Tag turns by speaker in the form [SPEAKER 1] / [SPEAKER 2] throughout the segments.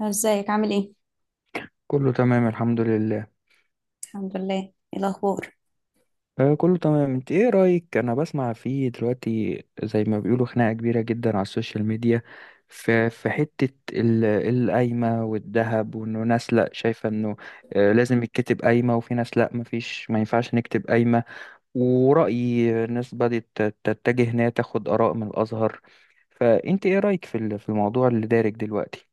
[SPEAKER 1] ازيك عامل ايه؟
[SPEAKER 2] كله تمام الحمد لله.
[SPEAKER 1] الحمد لله. ايه الاخبار؟
[SPEAKER 2] آه، كله تمام. انت ايه رأيك؟ انا بسمع فيه دلوقتي زي ما بيقولوا خناقة كبيرة جدا على السوشيال ميديا في حتة القايمة والذهب، وانه ناس لا شايفة انه آه لازم يتكتب قايمة، وفي ناس لا مفيش ما ينفعش نكتب قايمة، ورأي ناس بدأت تتجه انها تاخد آراء من الأزهر. فانت ايه رأيك في الموضوع اللي دارج دلوقتي؟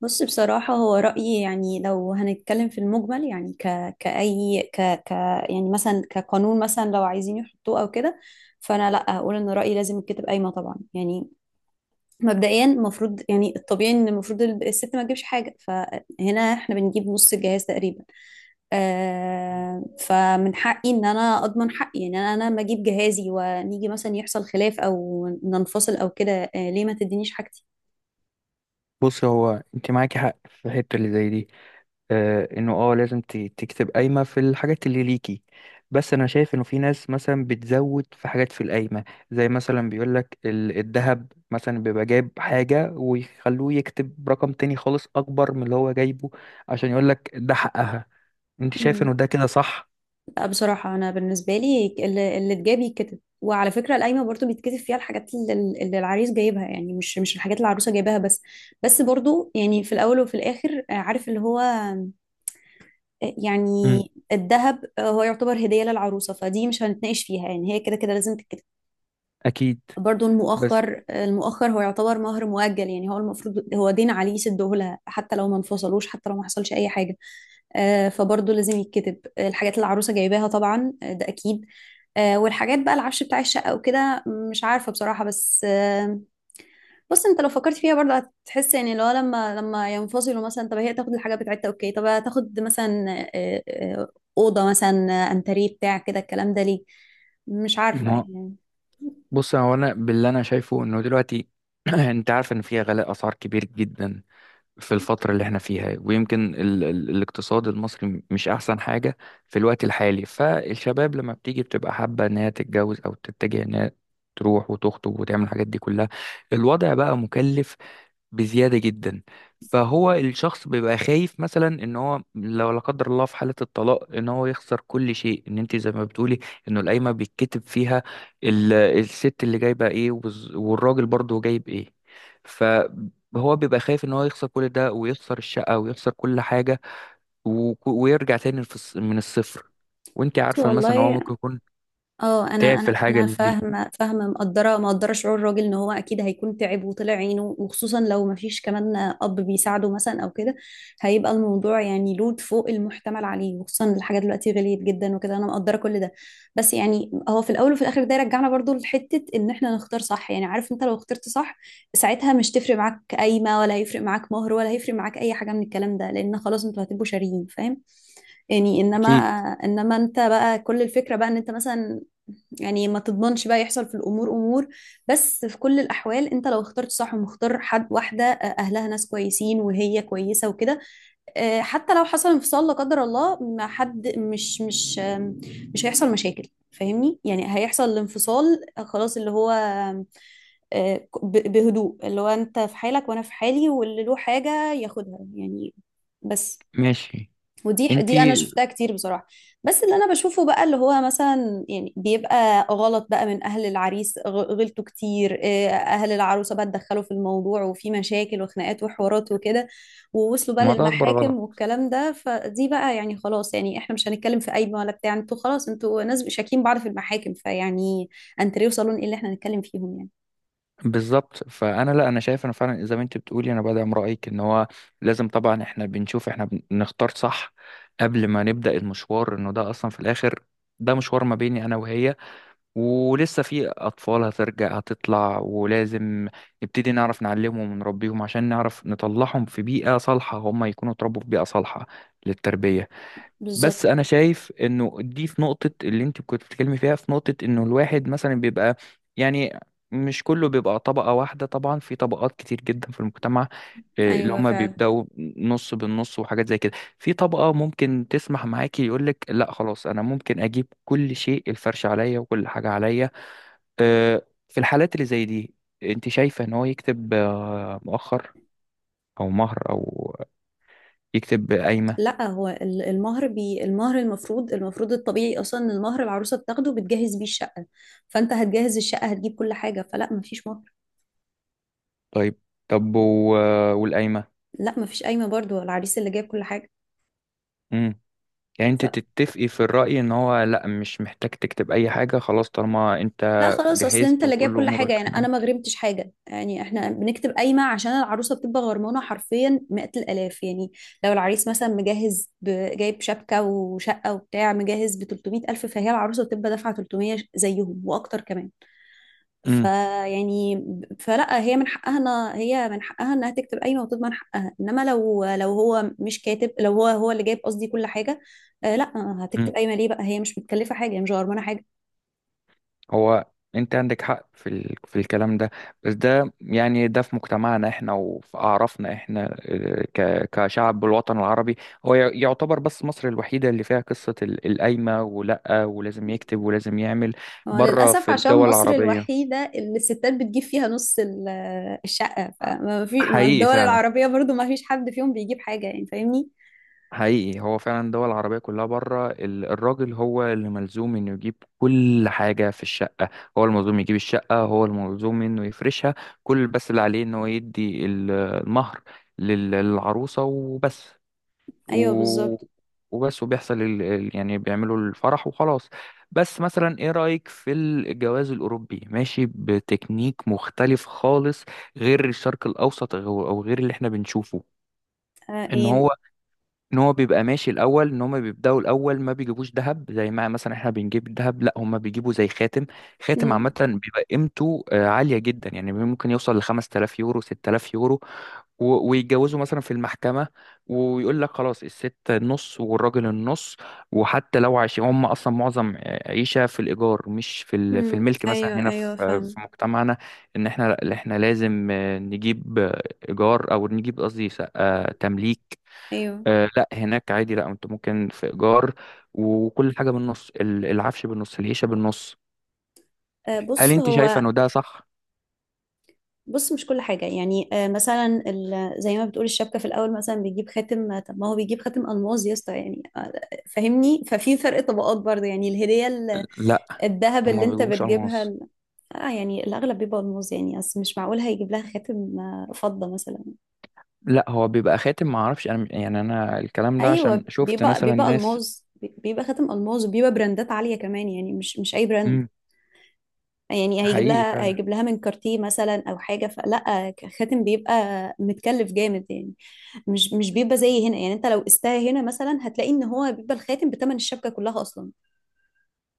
[SPEAKER 1] بص، بصراحة هو رأيي يعني لو هنتكلم في المجمل، يعني ك كأي ك ك يعني مثلا كقانون مثلا، لو عايزين يحطوه او كده، فانا لا، هقول ان رأيي لازم الكتب قايمة طبعا. يعني مبدئيا المفروض، يعني الطبيعي ان المفروض الست ما تجيبش حاجة، فهنا احنا بنجيب نص الجهاز تقريبا.
[SPEAKER 2] مم.
[SPEAKER 1] فمن حقي ان انا اضمن حقي ان انا ما اجيب جهازي، ونيجي مثلا يحصل خلاف او ننفصل او كده، ليه ما تدينيش حاجتي؟
[SPEAKER 2] بص، هو انت معاكي حق في الحتة اللي زي دي، آه، انه اه لازم تكتب قايمة في الحاجات اللي ليكي. بس انا شايف انه في ناس مثلا بتزود في حاجات في القايمة، زي مثلا بيقولك الذهب مثلا بيبقى جايب حاجة ويخلوه يكتب رقم تاني خالص اكبر من اللي هو جايبه، عشان يقولك ده حقها. انت شايف انه ده كده صح؟
[SPEAKER 1] لا بصراحة أنا بالنسبة لي، اللي اتجاب يتكتب. وعلى فكرة، القايمة برضو بيتكتب فيها الحاجات اللي العريس جايبها، يعني مش الحاجات اللي العروسة جايبها بس. بس برضو يعني في الأول وفي الآخر آه، عارف اللي هو آه، يعني
[SPEAKER 2] مم.
[SPEAKER 1] الذهب هو يعتبر هدية للعروسة، فدي مش هنتناقش فيها، يعني هي كده كده لازم تتكتب.
[SPEAKER 2] اكيد.
[SPEAKER 1] برضو
[SPEAKER 2] بس
[SPEAKER 1] المؤخر، المؤخر هو يعتبر مهر مؤجل، يعني هو المفروض هو دين عليه يسده لها حتى لو ما انفصلوش، حتى لو ما حصلش أي حاجة. فبرضه لازم يتكتب الحاجات اللي العروسة جايباها طبعا، ده أكيد. والحاجات بقى العفش بتاع الشقة وكده، مش عارفة بصراحة بس بص انت لو فكرت فيها برضه، هتحس يعني لو لما ينفصلوا مثلا، طب هي تاخد الحاجة بتاعتها اوكي، طب هتاخد مثلا آه، آه، أوضة مثلا، أنتريه بتاع كده، الكلام ده ليه؟ مش عارفة
[SPEAKER 2] ما
[SPEAKER 1] يعني.
[SPEAKER 2] بص، هو انا باللي انا شايفه انه دلوقتي انت عارف ان في غلاء اسعار كبير جدا في الفترة اللي احنا فيها، ويمكن ال ال الاقتصاد المصري مش أحسن حاجة في الوقت الحالي. فالشباب لما بتيجي بتبقى حابة إنها تتجوز أو تتجه إنها تروح وتخطب وتعمل الحاجات دي كلها. الوضع بقى مكلف بزيادة جدا. فهو الشخص بيبقى خايف مثلا ان هو، لو لا قدر الله في حالة الطلاق، ان هو يخسر كل شيء. ان انت زي ما بتقولي انه القايمة بيتكتب فيها الست اللي جايبة ايه، والراجل برضه جايب ايه. فهو بيبقى خايف ان هو يخسر كل ده، ويخسر الشقة ويخسر كل حاجة، ويرجع تاني من الصفر. وانت
[SPEAKER 1] بس
[SPEAKER 2] عارفة مثلا ان هو
[SPEAKER 1] والله،
[SPEAKER 2] ممكن يكون
[SPEAKER 1] اه
[SPEAKER 2] تعب
[SPEAKER 1] انا
[SPEAKER 2] في
[SPEAKER 1] انا
[SPEAKER 2] الحاجة
[SPEAKER 1] انا
[SPEAKER 2] دي.
[SPEAKER 1] فاهمه مقدره شعور الراجل ان هو اكيد هيكون تعب وطلع عينه، وخصوصا لو ما فيش كمان اب بيساعده مثلا او كده، هيبقى الموضوع يعني لود فوق المحتمل عليه. وخصوصا الحاجات دلوقتي غليت جدا وكده، انا مقدره كل ده. بس يعني هو في الاول وفي الاخر، ده يرجعنا برضو لحته ان احنا نختار صح. يعني عارف، انت لو اخترت صح، ساعتها مش تفرق معاك قايمه، ولا هيفرق معاك مهر، ولا هيفرق معاك اي حاجه من الكلام ده، لان خلاص انتوا هتبقوا شاريين، فاهم يعني؟ انما
[SPEAKER 2] اكيد.
[SPEAKER 1] انما انت بقى كل الفكره بقى ان انت مثلا يعني ما تضمنش بقى يحصل في الامور امور. بس في كل الاحوال انت لو اخترت صح، ومختار حد واحده اهلها ناس كويسين وهي كويسه وكده، حتى لو حصل انفصال لا قدر الله، ما حد مش هيحصل مشاكل، فاهمني؟ يعني هيحصل الانفصال خلاص، اللي هو آم، آه، بهدوء، اللي هو انت في حالك وانا في حالي، واللي له حاجه ياخدها يعني. بس
[SPEAKER 2] ماشي.
[SPEAKER 1] ودي
[SPEAKER 2] انت
[SPEAKER 1] دي انا شفتها كتير بصراحه. بس اللي انا بشوفه بقى، اللي هو مثلا يعني بيبقى غلط بقى من اهل العريس، غلطوا كتير. اهل العروسه بقى اتدخلوا في الموضوع وفي مشاكل وخناقات وحوارات وكده، ووصلوا بقى
[SPEAKER 2] ما ده اكبر
[SPEAKER 1] للمحاكم
[SPEAKER 2] غلط.
[SPEAKER 1] والكلام ده، فدي بقى يعني خلاص، يعني احنا مش هنتكلم في قايمه ولا بتاع، انتوا خلاص انتوا ناس شاكين بعض في المحاكم، فيعني انتوا صالون ايه اللي احنا هنتكلم فيهم يعني؟
[SPEAKER 2] بالظبط. فانا لا، انا شايف انا فعلا زي ما انت بتقولي، انا بدعم رايك ان هو لازم طبعا احنا بنشوف احنا بنختار صح قبل ما نبدا المشوار. انه ده اصلا في الاخر ده مشوار ما بيني انا وهي، ولسه في اطفال هترجع هتطلع، ولازم نبتدي نعرف نعلمهم ونربيهم عشان نعرف نطلعهم في بيئه صالحه. هم يكونوا اتربوا في بيئه صالحه للتربيه. بس
[SPEAKER 1] بالظبط.
[SPEAKER 2] انا شايف انه دي في نقطة اللي انت كنت بتتكلمي فيها، في نقطة انه الواحد مثلا بيبقى، يعني مش كله بيبقى طبقة واحدة. طبعا في طبقات كتير جدا في المجتمع، اللي
[SPEAKER 1] ايوه
[SPEAKER 2] هما
[SPEAKER 1] فعلا.
[SPEAKER 2] بيبدأوا نص بالنص وحاجات زي كده. في طبقة ممكن تسمح معاكي، يقولك لا خلاص، انا ممكن اجيب كل شيء، الفرش عليا وكل حاجة عليا. آه، في الحالات اللي زي دي انت شايفة ان هو يكتب، آه، مؤخر او مهر، او يكتب قايمة؟
[SPEAKER 1] لا هو المهر المفروض، الطبيعي اصلا ان المهر العروسه بتاخده بتجهز بيه الشقه، فانت هتجهز الشقه، هتجيب كل حاجه، فلا مفيش مهر.
[SPEAKER 2] طيب. طب والقايمة؟
[SPEAKER 1] لا مفيش قايمه برضو، العريس اللي جايب كل حاجه.
[SPEAKER 2] يعني انت
[SPEAKER 1] ف
[SPEAKER 2] تتفقي في الرأي ان هو لا مش محتاج تكتب اي حاجة خلاص طالما انت
[SPEAKER 1] لا خلاص، اصل انت
[SPEAKER 2] جهزت
[SPEAKER 1] اللي جايب
[SPEAKER 2] وكل
[SPEAKER 1] كل حاجه،
[SPEAKER 2] امورك
[SPEAKER 1] يعني انا
[SPEAKER 2] تمام؟
[SPEAKER 1] ما غرمتش حاجه. يعني احنا بنكتب قايمه عشان العروسه بتبقى غرمانه حرفيا 100 الالاف يعني. لو العريس مثلا جايب شبكه وشقه وبتاع، مجهز ب 300 الف، فهي العروسه بتبقى دافعه 300 زيهم واكتر كمان،
[SPEAKER 2] امم.
[SPEAKER 1] فيعني فلا هي من حقها، هي من حقها انها تكتب قايمه وتضمن حقها. انما لو هو مش كاتب، لو هو اللي جايب قصدي كل حاجه، لا،
[SPEAKER 2] امم.
[SPEAKER 1] هتكتب قايمه ليه بقى؟ هي مش متكلفه حاجه، هي مش غرمانه حاجه.
[SPEAKER 2] هو انت عندك حق في في الكلام ده. بس ده يعني ده في مجتمعنا احنا وفي اعرافنا احنا اه، كشعب بالوطن العربي. هو يعتبر بس مصر الوحيدة اللي فيها قصة القايمة، ولا ولازم يكتب ولازم يعمل
[SPEAKER 1] هو
[SPEAKER 2] بره
[SPEAKER 1] للاسف
[SPEAKER 2] في
[SPEAKER 1] عشان
[SPEAKER 2] الدول
[SPEAKER 1] مصر
[SPEAKER 2] العربية؟
[SPEAKER 1] الوحيده اللي الستات بتجيب فيها نص الشقه، فما في ما
[SPEAKER 2] حقيقي،
[SPEAKER 1] الدول
[SPEAKER 2] فعلا.
[SPEAKER 1] العربيه برضو ما فيش حد فيهم بيجيب حاجه، يعني فاهمني؟
[SPEAKER 2] حقيقي، هو فعلا الدول العربية كلها بره الراجل هو اللي ملزوم انه يجيب كل حاجة في الشقة. هو الملزوم يجيب الشقة، هو الملزوم انه يفرشها كل، بس اللي عليه ان هو يدي المهر للعروسة وبس.
[SPEAKER 1] ايوه
[SPEAKER 2] و...
[SPEAKER 1] بالظبط.
[SPEAKER 2] وبس، وبيحصل يعني بيعملوا الفرح وخلاص. بس مثلا ايه رأيك في الجواز الأوروبي؟ ماشي بتكنيك مختلف خالص، غير الشرق الأوسط او أو غير اللي احنا بنشوفه. ان
[SPEAKER 1] ايه.
[SPEAKER 2] هو ان هو بيبقى ماشي الاول، ان هما بيبداوا الاول ما بيجيبوش ذهب زي ما مثلا احنا بنجيب الذهب، لا هما بيجيبوا زي خاتم. خاتم عامه
[SPEAKER 1] امم.
[SPEAKER 2] بيبقى قيمته آه، عاليه جدا، يعني ممكن يوصل ل 5000 يورو 6000 يورو. ويتجوزوا مثلا في المحكمه، ويقول لك خلاص الست النص والراجل النص، وحتى لو عايشين هم اصلا معظم آه، عيشه في الايجار مش في في
[SPEAKER 1] امم،
[SPEAKER 2] الملك. مثلا
[SPEAKER 1] ايوه
[SPEAKER 2] هنا في
[SPEAKER 1] ايوه
[SPEAKER 2] آه،
[SPEAKER 1] فاهم.
[SPEAKER 2] في مجتمعنا، ان احنا لازم آه، نجيب آه، ايجار او نجيب، قصدي آه، تمليك.
[SPEAKER 1] ايوه.
[SPEAKER 2] آه لا، هناك عادي، لا انت ممكن في ايجار، وكل حاجه بالنص، العفش بالنص، العيشه بالنص.
[SPEAKER 1] آه،
[SPEAKER 2] هل
[SPEAKER 1] بص
[SPEAKER 2] انت شايفه
[SPEAKER 1] هو
[SPEAKER 2] انه ده صح؟
[SPEAKER 1] بص مش كل حاجة، يعني مثلا زي ما بتقول الشبكة في الأول، مثلا بيجيب خاتم، طب ما هو بيجيب خاتم ألماس يا اسطى، يعني فاهمني؟ ففي فرق طبقات برضه، يعني الهدية
[SPEAKER 2] لا
[SPEAKER 1] الذهب
[SPEAKER 2] هما
[SPEAKER 1] اللي
[SPEAKER 2] ما
[SPEAKER 1] أنت
[SPEAKER 2] بيجيبوش
[SPEAKER 1] بتجيبها،
[SPEAKER 2] الماس.
[SPEAKER 1] يعني الأغلب بيبقى ألماس، يعني أصل مش معقول هيجيب لها خاتم فضة مثلا.
[SPEAKER 2] لا هو بيبقى خاتم، ما اعرفش انا، يعني انا الكلام ده
[SPEAKER 1] أيوه،
[SPEAKER 2] عشان شفت
[SPEAKER 1] بيبقى
[SPEAKER 2] مثلا
[SPEAKER 1] بيبقى
[SPEAKER 2] ناس.
[SPEAKER 1] ألماس. بيبقى خاتم ألماس، وبيبقى براندات عالية كمان، يعني مش أي براند.
[SPEAKER 2] امم.
[SPEAKER 1] يعني هيجيب
[SPEAKER 2] حقيقي،
[SPEAKER 1] لها
[SPEAKER 2] فعلا.
[SPEAKER 1] هيجيب لها من كارتيه مثلا او حاجه، فلا خاتم بيبقى متكلف جامد يعني. مش بيبقى زي هنا. يعني انت لو قستها هنا مثلا، هتلاقي ان هو بيبقى الخاتم بتمن الشبكه كلها اصلا،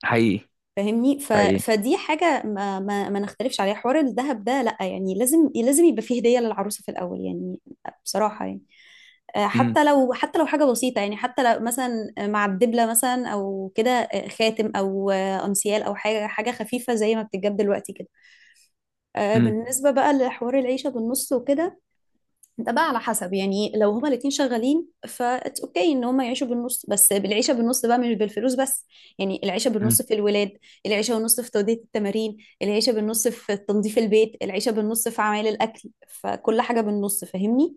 [SPEAKER 2] حقيقي.
[SPEAKER 1] فاهمني؟
[SPEAKER 2] حقيقي.
[SPEAKER 1] فدي حاجه ما نختلفش عليها. حوار الذهب ده لا يعني لازم يبقى فيه هديه للعروسه في الاول يعني، بصراحه يعني.
[SPEAKER 2] امم.
[SPEAKER 1] حتى لو حاجه بسيطه، يعني حتى لو مثلا مع الدبله مثلا او كده، خاتم او انسيال او حاجه خفيفه زي ما بتتجاب دلوقتي كده.
[SPEAKER 2] امم.
[SPEAKER 1] بالنسبة بقى لحوار العيشة بالنص وكده، ده بقى على حسب. يعني لو هما الاتنين شغالين، فاتس اوكي ان هما يعيشوا بالنص، بس بالعيشة بالنص بقى، مش بالفلوس بس. يعني العيشة
[SPEAKER 2] امم.
[SPEAKER 1] بالنص في الولاد، العيشة بالنص في تودية التمارين، العيشة بالنص في تنظيف البيت، العيشة بالنص في عمل الأكل، فكل حاجة بالنص، فاهمني؟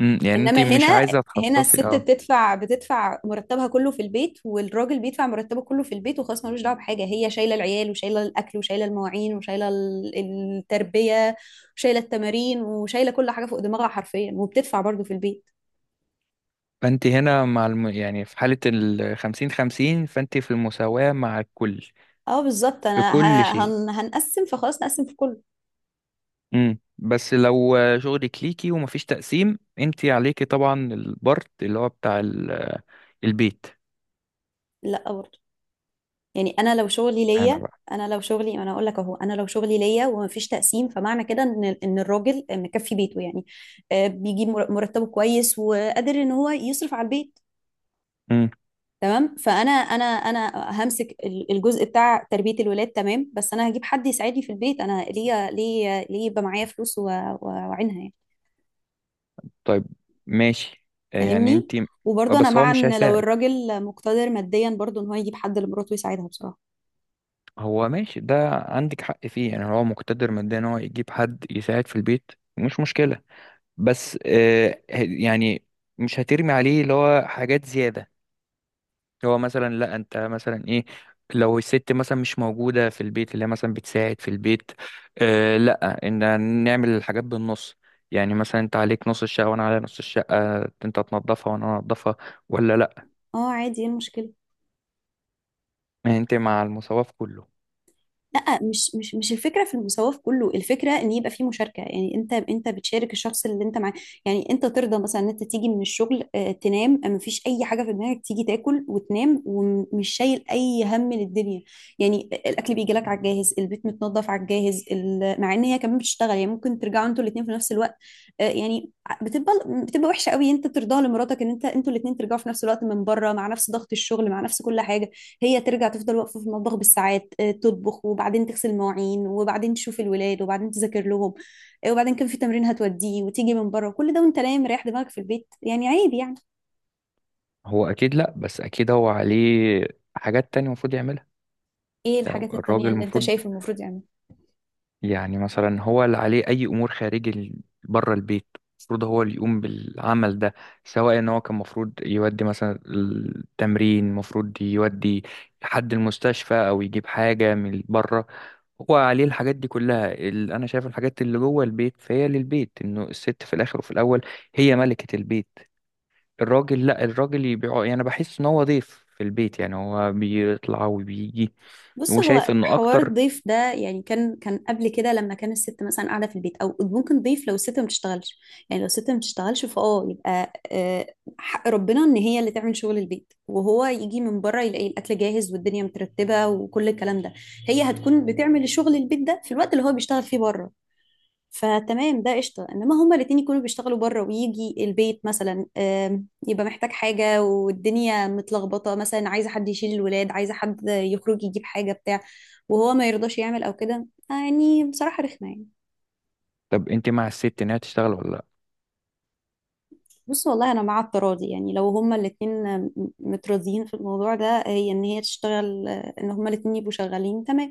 [SPEAKER 2] أمم. يعني انت
[SPEAKER 1] انما هنا،
[SPEAKER 2] مش عايزه
[SPEAKER 1] هنا
[SPEAKER 2] تخصصي
[SPEAKER 1] الست
[SPEAKER 2] اه؟
[SPEAKER 1] بتدفع مرتبها كله في البيت، والراجل بيدفع مرتبه كله في البيت، وخلاص ملوش دعوه بحاجه. هي شايله العيال، وشايله الاكل، وشايله المواعين، وشايله التربيه، وشايله التمارين، وشايله كل حاجه فوق دماغها حرفيا، وبتدفع برضه في البيت.
[SPEAKER 2] فانت هنا مع يعني في حاله ال 50 50، فانت في المساواه مع الكل
[SPEAKER 1] اه بالظبط،
[SPEAKER 2] في
[SPEAKER 1] انا
[SPEAKER 2] كل شيء.
[SPEAKER 1] هنقسم، فخلاص نقسم في كله.
[SPEAKER 2] امم. بس لو شغلك ليكي ومفيش تقسيم، انتي عليكي طبعا البارت اللي هو بتاع البيت.
[SPEAKER 1] لا برضه، يعني
[SPEAKER 2] اشمعنى بقى؟
[SPEAKER 1] انا اقول لك اهو، انا لو شغلي ليا ومفيش تقسيم، فمعنى كده ان الراجل مكفي بيته، يعني بيجيب مرتبه كويس، وقادر ان هو يصرف على البيت.
[SPEAKER 2] امم.
[SPEAKER 1] تمام، فانا انا انا همسك الجزء بتاع تربيه الولاد. تمام، بس انا هجيب حد يساعدني في البيت، انا ليه يبقى معايا فلوس واعينها يعني؟
[SPEAKER 2] طيب. ماشي. آه، يعني
[SPEAKER 1] فاهمني؟
[SPEAKER 2] انتي، آه،
[SPEAKER 1] وبرضه انا
[SPEAKER 2] بس هو
[SPEAKER 1] مع
[SPEAKER 2] مش
[SPEAKER 1] ان لو
[SPEAKER 2] هيساعد.
[SPEAKER 1] الراجل مقتدر ماديا، برضه ان هو يجيب حد لمراته يساعدها بصراحه.
[SPEAKER 2] هو ماشي، ده عندك حق فيه، يعني هو مقتدر ماديا ان هو يجيب حد يساعد في البيت، مش مشكلة. بس آه، يعني مش هترمي عليه اللي هو حاجات زيادة. هو مثلا لا، انت مثلا ايه، لو الست مثلا مش موجودة في البيت، اللي هي مثلا بتساعد في البيت، آه لا، ان نعمل الحاجات بالنص. يعني مثلا انت عليك نص الشقة وانا على نص الشقة، انت تنظفها وانا انظفها ولا لا؟
[SPEAKER 1] اه عادي، ايه المشكله؟
[SPEAKER 2] ما انت مع المساواة في كله.
[SPEAKER 1] لا مش الفكره في المساواه في كله، الفكره ان يبقى في مشاركه. يعني انت بتشارك الشخص اللي انت معاه. يعني انت ترضى مثلا ان انت تيجي من الشغل، تنام، ما فيش اي حاجه في دماغك، تيجي تاكل وتنام، ومش شايل اي هم للدنيا؟ يعني الاكل بيجي لك على الجاهز، البيت متنظف على الجاهز، مع ان هي كمان بتشتغل. يعني ممكن ترجعوا انتوا الاثنين في نفس الوقت، يعني بتبقى بتبقى وحشه قوي انت ترضاها لمراتك ان انت، انتوا الاثنين ترجعوا في نفس الوقت من بره، مع نفس ضغط الشغل، مع نفس كل حاجه، هي ترجع تفضل واقفة في المطبخ بالساعات، تطبخ، وبعدين تغسل مواعين، وبعدين تشوف الولاد، وبعدين تذاكر لهم، وبعدين كان في تمرين هتوديه، وتيجي من بره كل ده، وانت نايم رايح دماغك في البيت، يعني عيب يعني.
[SPEAKER 2] هو اكيد لا، بس اكيد هو عليه حاجات تانية المفروض يعملها.
[SPEAKER 1] ايه
[SPEAKER 2] يعني
[SPEAKER 1] الحاجات
[SPEAKER 2] الراجل
[SPEAKER 1] التانية اللي انت
[SPEAKER 2] المفروض،
[SPEAKER 1] شايف المفروض يعملها؟
[SPEAKER 2] يعني مثلا هو اللي عليه أي أمور خارجي بره البيت، المفروض هو اللي يقوم بالعمل ده، سواء إن هو كان المفروض يودي مثلا التمرين، المفروض يودي حد المستشفى، أو يجيب حاجة من بره، هو عليه الحاجات دي كلها. أنا شايف الحاجات اللي جوه البيت فهي للبيت، إنه الست في الآخر وفي الأول هي ملكة البيت. الراجل لأ، الراجل يبيع، يعني بحس إن هو ضيف في البيت، يعني هو بيطلع وبيجي،
[SPEAKER 1] بص هو
[SPEAKER 2] وشايف إنه
[SPEAKER 1] حوار
[SPEAKER 2] أكتر.
[SPEAKER 1] الضيف ده يعني كان، قبل كده لما كان الست مثلا قاعده في البيت، او ممكن ضيف لو الست ما بتشتغلش. يعني لو الست ما بتشتغلش، فاه يبقى حق ربنا ان هي اللي تعمل شغل البيت، وهو يجي من بره يلاقي الاكل جاهز والدنيا مترتبه وكل الكلام ده. هي هتكون بتعمل شغل البيت ده في الوقت اللي هو بيشتغل فيه بره، فتمام، ده قشطه. انما هما الاتنين يكونوا بيشتغلوا بره، ويجي البيت مثلا يبقى محتاج حاجه والدنيا متلخبطه، مثلا عايزه حد يشيل الولاد، عايزه حد يخرج يجيب حاجه بتاع، وهو ما يرضاش يعمل او كده، يعني بصراحه رخمه يعني.
[SPEAKER 2] طب أنت مع الست إنها تشتغل ولا؟
[SPEAKER 1] بص والله، انا مع التراضي. يعني لو هما الاتنين متراضيين في الموضوع ده، هي ان هي تشتغل، ان هما الاتنين يبقوا شغالين، تمام.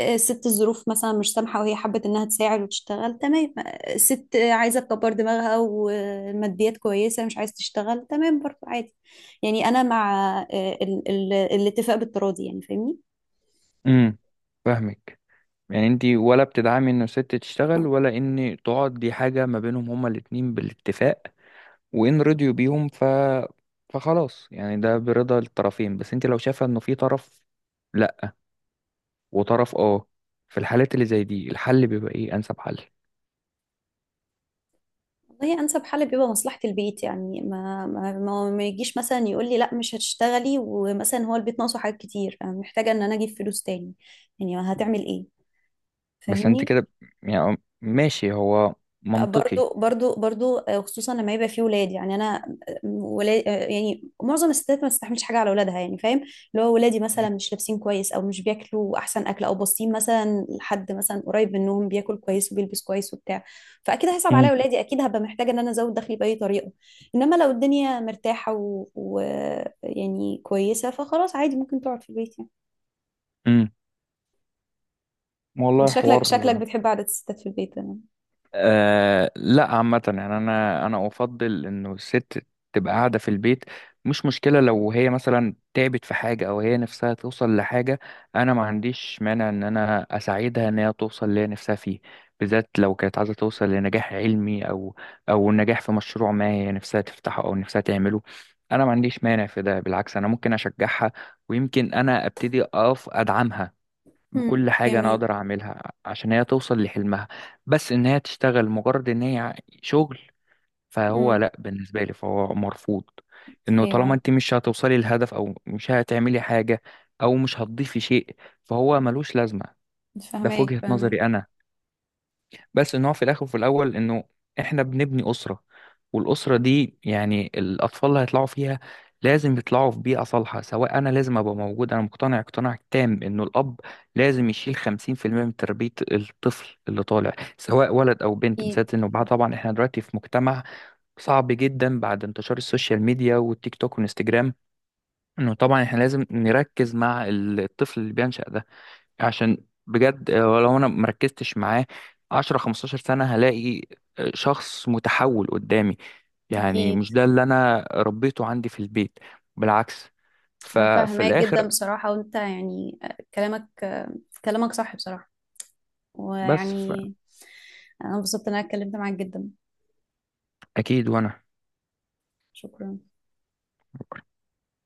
[SPEAKER 1] الست الظروف مثلا مش سامحه، وهي حبت انها تساعد وتشتغل، تمام. الست عايزه تكبر دماغها، وماديات كويسه مش عايز تشتغل، تمام برضه، عادي. يعني انا مع الاتفاق بالتراضي، يعني فاهمني؟
[SPEAKER 2] امم. فاهمك. يعني انتي ولا بتدعمي انه الست تشتغل، ولا ان تقعد، دي حاجة ما بينهم هما الاتنين بالاتفاق؟ وان رضيوا بيهم ف فخلاص، يعني ده برضا الطرفين. بس انتي لو شايفة انه في طرف لا وطرف اه، في الحالات اللي زي دي، الحل بيبقى ايه، انسب حل؟
[SPEAKER 1] والله انسب حل بيبقى مصلحه البيت. يعني ما يجيش مثلا يقول لي لا مش هتشتغلي، ومثلا هو البيت ناقصه حاجات كتير، أنا محتاجه ان انا اجيب فلوس تاني، يعني هتعمل ايه؟
[SPEAKER 2] بس انت
[SPEAKER 1] فاهمني؟
[SPEAKER 2] كده، يعني ماشي، هو منطقي.
[SPEAKER 1] برضو خصوصا لما يبقى فيه ولاد. يعني انا ولاد، يعني معظم الستات ما تستحملش حاجه على اولادها، يعني فاهم؟ اللي هو ولادي مثلا مش لابسين كويس، او مش بياكلوا احسن اكل، او باصين مثلا لحد مثلا قريب منهم بياكل كويس وبيلبس كويس وبتاع، فاكيد هيصعب
[SPEAKER 2] مم.
[SPEAKER 1] عليا ولادي، اكيد هبقى محتاجه ان انا ازود دخلي باي طريقه. انما لو الدنيا مرتاحه يعني كويسه، فخلاص عادي، ممكن تقعد في البيت يعني.
[SPEAKER 2] مم.
[SPEAKER 1] انت
[SPEAKER 2] والله
[SPEAKER 1] شكلك
[SPEAKER 2] حوار.
[SPEAKER 1] شكلك بتحب قعده الستات في البيت، تمام.
[SPEAKER 2] آه لا، عامة يعني أنا، أنا أفضل إنه الست تبقى قاعدة في البيت. مش مشكلة لو هي مثلا تعبت في حاجة أو هي نفسها توصل لحاجة، أنا ما عنديش مانع إن أنا أساعدها إن هي توصل اللي هي نفسها فيه، بالذات لو كانت عايزة توصل لنجاح علمي أو أو نجاح في مشروع ما هي نفسها تفتحه أو نفسها تعمله. أنا ما عنديش مانع في ده، بالعكس أنا ممكن أشجعها، ويمكن أنا أبتدي أقف أدعمها
[SPEAKER 1] مم،
[SPEAKER 2] بكل حاجة أنا
[SPEAKER 1] جميل.
[SPEAKER 2] أقدر أعملها عشان هي توصل لحلمها. بس إن هي تشتغل مجرد إن هي شغل، فهو
[SPEAKER 1] امم،
[SPEAKER 2] لأ بالنسبة لي فهو مرفوض. إنه طالما
[SPEAKER 1] ايوه،
[SPEAKER 2] أنت مش هتوصلي للهدف، أو مش هتعملي حاجة أو مش هتضيفي شيء، فهو ملوش لازمة. ده في
[SPEAKER 1] فهماك
[SPEAKER 2] وجهة
[SPEAKER 1] فهماك.
[SPEAKER 2] نظري أنا. بس ان هو في الاخر وفي الاول انه احنا بنبني اسره، والاسره دي يعني الاطفال اللي هيطلعوا فيها لازم يطلعوا في بيئه صالحه. سواء، انا لازم ابقى موجود، انا مقتنع اقتناع تام انه الاب لازم يشيل 50% من تربيه الطفل اللي طالع، سواء ولد او بنت.
[SPEAKER 1] أكيد
[SPEAKER 2] بالذات انه بعد، طبعا احنا دلوقتي في مجتمع صعب جدا بعد انتشار السوشيال ميديا والتيك توك والانستجرام، انه طبعا احنا لازم نركز مع الطفل اللي بينشأ ده، عشان بجد آه، لو انا مركزتش معاه 10 15 سنة هلاقي آه، شخص متحول قدامي، يعني
[SPEAKER 1] أكيد.
[SPEAKER 2] مش ده اللي انا ربيته عندي في البيت. بالعكس.
[SPEAKER 1] أنا
[SPEAKER 2] ففي
[SPEAKER 1] فاهماك جدا
[SPEAKER 2] الاخر،
[SPEAKER 1] بصراحة، وأنت يعني، كلامك، كلامك صح بصراحة،
[SPEAKER 2] بس
[SPEAKER 1] ويعني أنا انبسطت إن أنا اتكلمت معاك جدا.
[SPEAKER 2] اكيد. وانا
[SPEAKER 1] شكرا.